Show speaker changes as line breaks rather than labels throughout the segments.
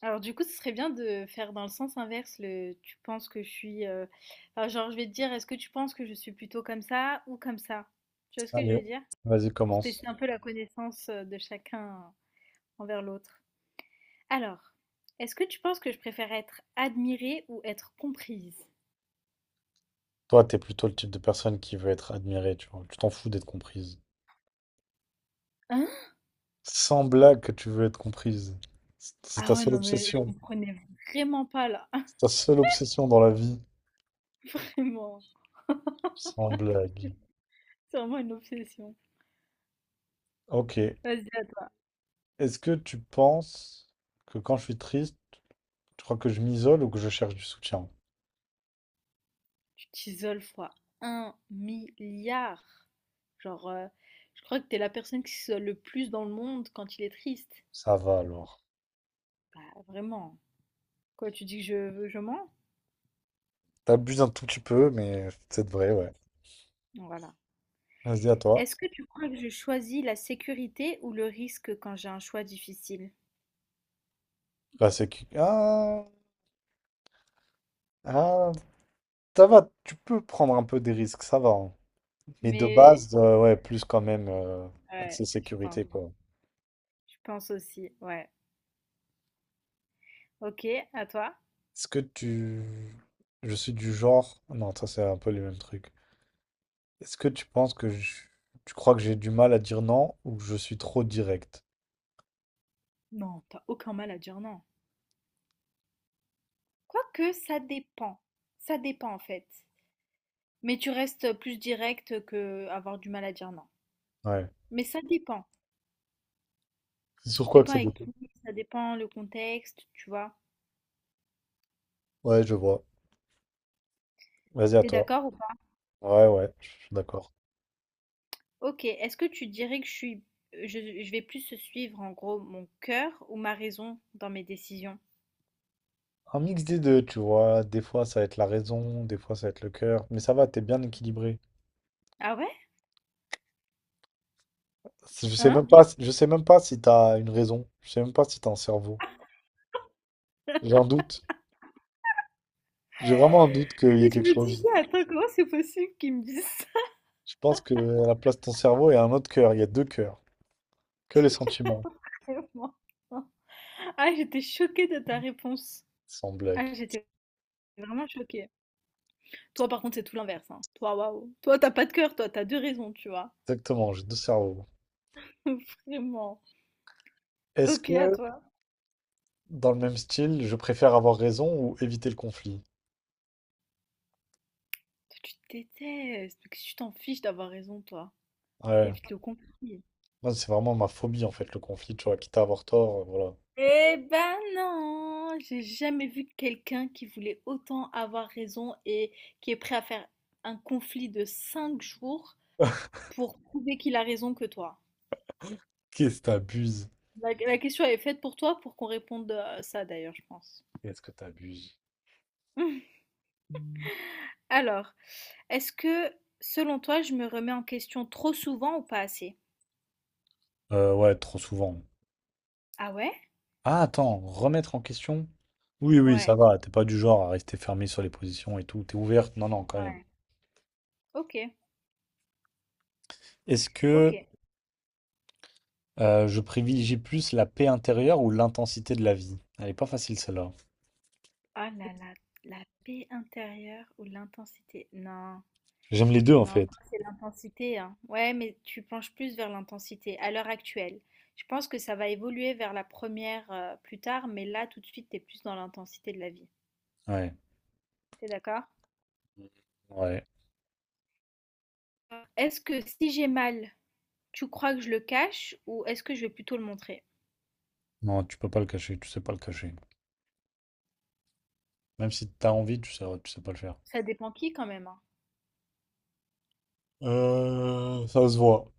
Alors du coup, ce serait bien de faire dans le sens inverse, le tu penses que je suis genre je vais te dire est-ce que tu penses que je suis plutôt comme ça ou comme ça? Tu vois ce que je
Allez,
veux dire?
vas-y,
Pour
commence.
tester un peu la connaissance de chacun envers l'autre. Alors, est-ce que tu penses que je préfère être admirée ou être comprise?
Toi, t'es plutôt le type de personne qui veut être admirée, tu vois. Tu t'en fous d'être comprise.
Hein?
Sans blague que tu veux être comprise. C'est ta
Ah ouais,
seule
non mais je
obsession.
comprenais vraiment pas là,
C'est ta seule obsession dans la vie.
vraiment.
Sans blague.
C'est vraiment une obsession.
Ok.
Vas-y, à toi.
Est-ce que tu penses que quand je suis triste, tu crois que je m'isole ou que je cherche du soutien?
Tu t'isoles fois un milliard. Genre, je crois que t'es la personne qui s'isole le plus dans le monde quand il est triste.
Ça va alors.
Bah, vraiment. Quoi, tu dis que je mens?
T'abuses un tout petit peu, mais c'est de vrai, ouais.
Voilà.
Vas-y, à toi.
Est-ce que tu crois que je choisis la sécurité ou le risque quand j'ai un choix difficile?
Là, c'est qui? Ah, ah, ça va, tu peux prendre un peu des risques, ça va, hein. Mais de
Mais,
base, ouais, plus quand même,
ouais,
accès
je pense.
sécurité, quoi.
Je pense aussi, ouais. Ok, à toi?
Est-ce que tu... Je suis du genre... Non, ça c'est un peu les mêmes trucs. Est-ce que tu penses que je- Tu crois que j'ai du mal à dire non ou que je suis trop direct?
Non, t'as aucun mal à dire non. Quoique, ça dépend. Ça dépend en fait. Mais tu restes plus direct que avoir du mal à dire non.
Ouais.
Mais ça dépend.
C'est sur
Ça
quoi que
dépend
ça
avec
dépend?
qui, ça dépend le contexte, tu vois.
Ouais, je vois. Vas-y à
T'es
toi.
d'accord ou pas?
Ouais, ouais, je suis d'accord.
Ok, est-ce que tu dirais que je vais plus suivre en gros mon cœur ou ma raison dans mes décisions?
Un mix des deux, tu vois. Des fois, ça va être la raison, des fois, ça va être le cœur. Mais ça va, t'es bien équilibré.
Ah ouais?
Je sais
Hein?
même pas, je sais même pas si t'as une raison. Je sais même pas si t'as un cerveau. J'ai un doute. J'ai vraiment un doute qu'il y ait
Je
quelque
me
chose.
disais, attends, comment c'est possible qu'ils me disent ça?
Je pense que à la place de ton cerveau, il y a un autre cœur. Il y a deux cœurs. Que les sentiments.
Vraiment. Ah, j'étais choquée de ta réponse.
Sans blague.
Ah, j'étais vraiment choquée. Toi, par contre, c'est tout l'inverse, hein. Toi, waouh. Toi, t'as pas de cœur, toi, t'as deux raisons, tu vois.
Exactement, j'ai deux cerveaux.
Vraiment.
Est-ce
Ok, à
que,
toi.
dans le même style, je préfère avoir raison ou éviter le conflit?
Toi, tu te détestes, mais qu'est-ce que tu t'en fiches d'avoir raison, toi. T'es
Ouais.
vite le compris.
Moi, c'est vraiment ma phobie, en fait, le conflit. Tu vois, quitte à avoir tort, voilà.
Eh ben non, j'ai jamais vu quelqu'un qui voulait autant avoir raison et qui est prêt à faire un conflit de 5 jours pour prouver qu'il a raison que toi.
Qu'est-ce que t'abuses?
La question est faite pour toi pour qu'on réponde à ça d'ailleurs, je pense.
Qu'est-ce que t'abuses?
Alors, est-ce que selon toi, je me remets en question trop souvent ou pas assez?
Ouais, trop souvent.
Ah ouais?
Ah, attends, remettre en question? Oui, oui,
Ouais,
ça va. T'es pas du genre à rester fermé sur les positions et tout. T'es ouverte. Non, non, quand même.
ouais. Ok,
Est-ce
ok.
que je privilégie plus la paix intérieure ou l'intensité de la vie. Elle est pas facile celle-là.
Ah là là, la paix intérieure ou l'intensité? Non,
J'aime les deux en
non,
fait.
toi, c'est l'intensité, hein. Ouais, mais tu penches plus vers l'intensité à l'heure actuelle. Je pense que ça va évoluer vers la première plus tard, mais là, tout de suite, t'es plus dans l'intensité de la vie.
Ouais.
T'es d'accord?
Ouais.
Est-ce que si j'ai mal, tu crois que je le cache ou est-ce que je vais plutôt le montrer?
Non, tu peux pas le cacher, tu sais pas le cacher. Même si t'as envie, tu sais pas le faire.
Ça dépend qui quand même, hein.
Ça se voit.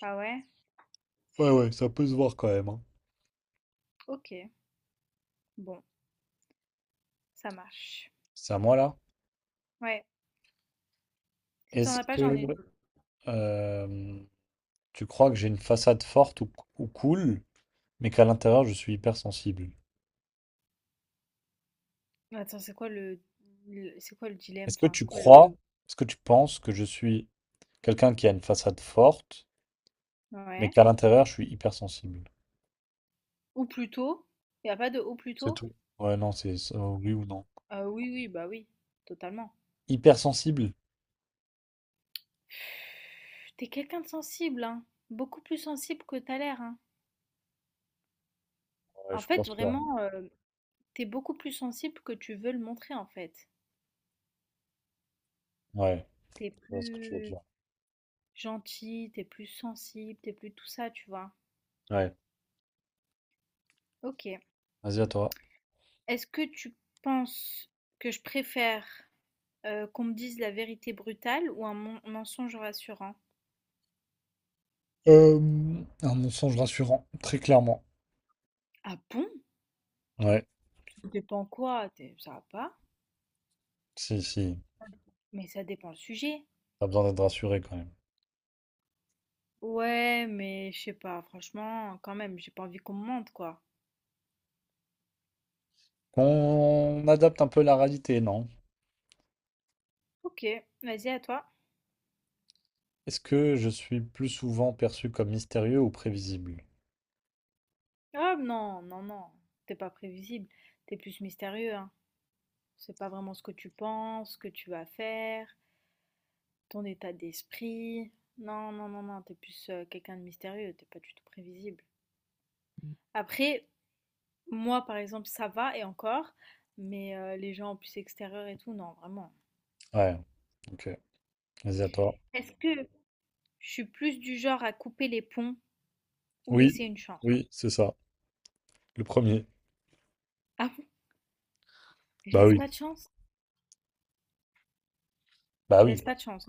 Ah ouais?
Ouais, ouais, ça peut se voir quand même, hein.
Ok, bon, ça marche.
C'est à moi là.
Ouais, si t'en
Est-ce
as pas, j'en ai
que
deux.
euh, tu crois que j'ai une façade forte ou cool, mais qu'à l'intérieur je suis hypersensible?
Attends, c'est quoi c'est quoi le dilemme?
Est-ce que
Enfin, c'est
tu
quoi le...
crois, est-ce que tu penses que je suis quelqu'un qui a une façade forte, mais
Ouais.
qu'à l'intérieur je suis hypersensible?
Ou plutôt? Il y a pas de ou
C'est
plutôt?
tout. Ouais, non, c'est ça,
OK.
oui ou non.
Oui, oui, oui, totalement.
Hypersensible?
T'es quelqu'un de sensible, hein, beaucoup plus sensible que t'as l'air, hein.
Ouais,
En
je
fait,
pense que.
vraiment, tu beaucoup plus sensible que tu veux le montrer, en fait.
Ouais,
T'es
je vois ce que tu veux
plus
dire.
gentil, t'es plus sensible, t'es plus tout ça, tu vois?
Ouais,
OK.
vas-y à toi.
Est-ce que tu penses que je préfère, qu'on me dise la vérité brutale ou un mon mensonge rassurant?
Euh, un mensonge rassurant, très clairement.
Ah bon?
Ouais,
Ça dépend quoi? Tu ça va pas,
si, si.
mais ça dépend le sujet.
T'as besoin d'être rassuré quand même.
Ouais, mais je sais pas, franchement, quand même, j'ai pas envie qu'on me mente, quoi.
Qu'on adapte un peu la réalité, non?
Ok, vas-y à toi.
Est-ce que je suis plus souvent perçu comme mystérieux ou prévisible?
Ah non, non, non, t'es pas prévisible, t'es plus mystérieux, hein. C'est pas vraiment ce que tu penses, ce que tu vas faire, ton état d'esprit. Non, non, non, non, t'es plus quelqu'un de mystérieux, t'es pas du tout prévisible. Après, moi, par exemple, ça va et encore, mais les gens plus extérieurs et tout, non, vraiment.
Ouais, ok. Vas-y à toi.
Est-ce que je suis plus du genre à couper les ponts ou
Oui,
laisser une chance?
oui, c'est ça. Le premier.
Ah bon? Je
Bah
laisse
oui.
pas de chance?
Bah
Je
oui.
laisse pas de chance.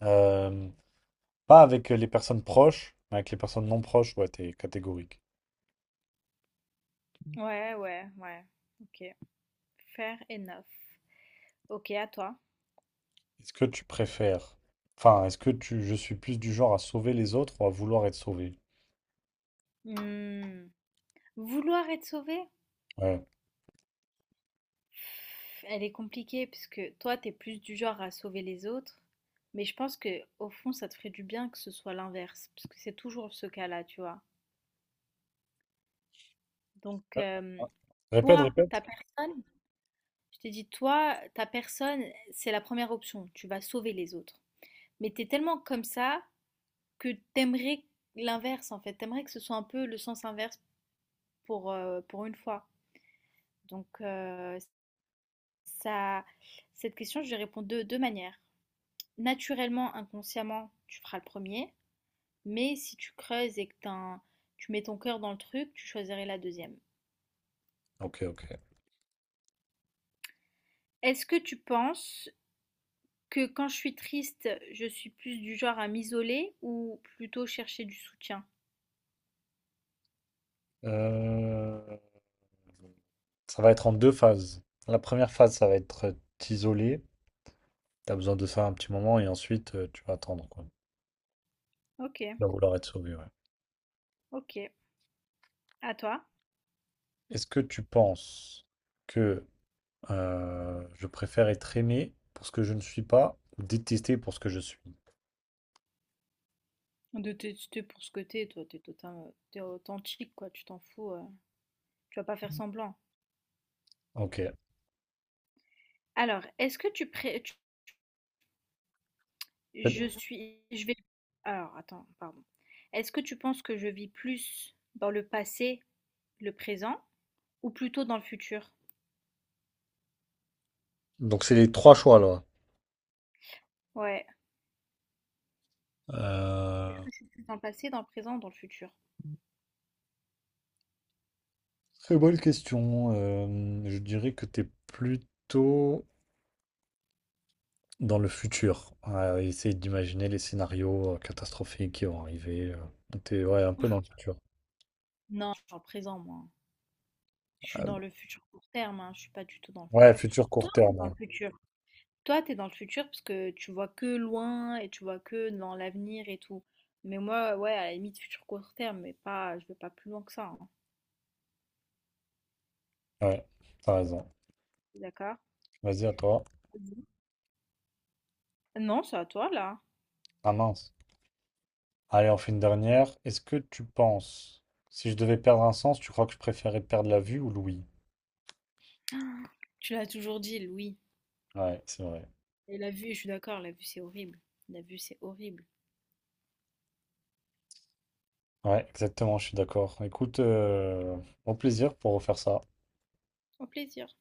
Euh, Pas avec les personnes proches, mais avec les personnes non proches, ouais, t'es catégorique.
Ouais, ouais, ouais. OK. Fair enough. OK, à toi.
Est-ce que tu préfères, enfin, est-ce que tu, je suis plus du genre à sauver les autres ou à vouloir être sauvé?
Hmm. Vouloir être sauvé?
Ouais.
Elle est compliquée parce que toi, t'es plus du genre à sauver les autres. Mais je pense que au fond, ça te ferait du bien que ce soit l'inverse, parce que c'est toujours ce cas-là, tu vois. Donc
Répète,
toi, ta
répète.
personne, je t'ai dit, toi, ta personne, c'est la première option. Tu vas sauver les autres. Mais t'es tellement comme ça que t'aimerais l'inverse, en fait. T'aimerais que ce soit un peu le sens inverse pour une fois. Donc, ça, cette question, je lui réponds de deux manières. Naturellement, inconsciemment, tu feras le premier, mais si tu creuses et que tu mets ton cœur dans le truc, tu choisirais la deuxième.
Ok, ok.
Est-ce que tu penses que quand je suis triste, je suis plus du genre à m'isoler ou plutôt chercher du soutien?
Euh, Ça va être en deux phases. La première phase, ça va être t'isoler. T'as besoin de ça un petit moment et ensuite, tu vas attendre quoi.
Ok,
Tu vas vouloir être sauvé, ouais.
ok. À toi?
Est-ce que tu penses que, je préfère être aimé pour ce que je ne suis pas ou détesté pour ce que je suis?
De t'es pour ce que t'es, toi, t'es authentique, quoi, tu t'en fous, tu vas pas faire semblant.
Ok.
Alors, est-ce que tu, pré- tu Je suis, je vais. Alors, attends, pardon. Est-ce que tu penses que je vis plus dans le passé, le présent, ou plutôt dans le futur?
Donc c'est les trois choix là.
Ouais. Est-ce
Euh,
que je suis plus dans le passé, dans le présent, ou dans le futur?
Très bonne question. Je dirais que tu es plutôt dans le futur, à essayer d'imaginer les scénarios, catastrophiques qui vont arriver. Tu es ouais, un peu dans le futur.
Non, je suis dans le présent, moi. Je suis
Euh,
dans le futur court terme, hein. Je suis pas du tout dans le
ouais,
futur.
futur court
Toi, t'es
terme.
dans le
Ouais,
futur. Toi, t'es dans le futur parce que tu vois que loin et tu vois que dans l'avenir et tout. Mais moi, ouais, à la limite, futur court terme, mais pas, je veux pas plus loin que ça, hein.
ouais, t'as raison.
D'accord?
Vas-y, à toi.
Vas-y. Non, c'est à toi, là.
Ah mince. Allez, on fait une dernière. Est-ce que tu penses, si je devais perdre un sens, tu crois que je préférais perdre la vue ou l'ouïe?
Tu l'as toujours dit, Louis.
Ouais, c'est vrai.
Et la vue, je suis d'accord, la vue c'est horrible. La vue c'est horrible.
Ouais, exactement, je suis d'accord. Écoute, au plaisir pour refaire ça.
Au plaisir.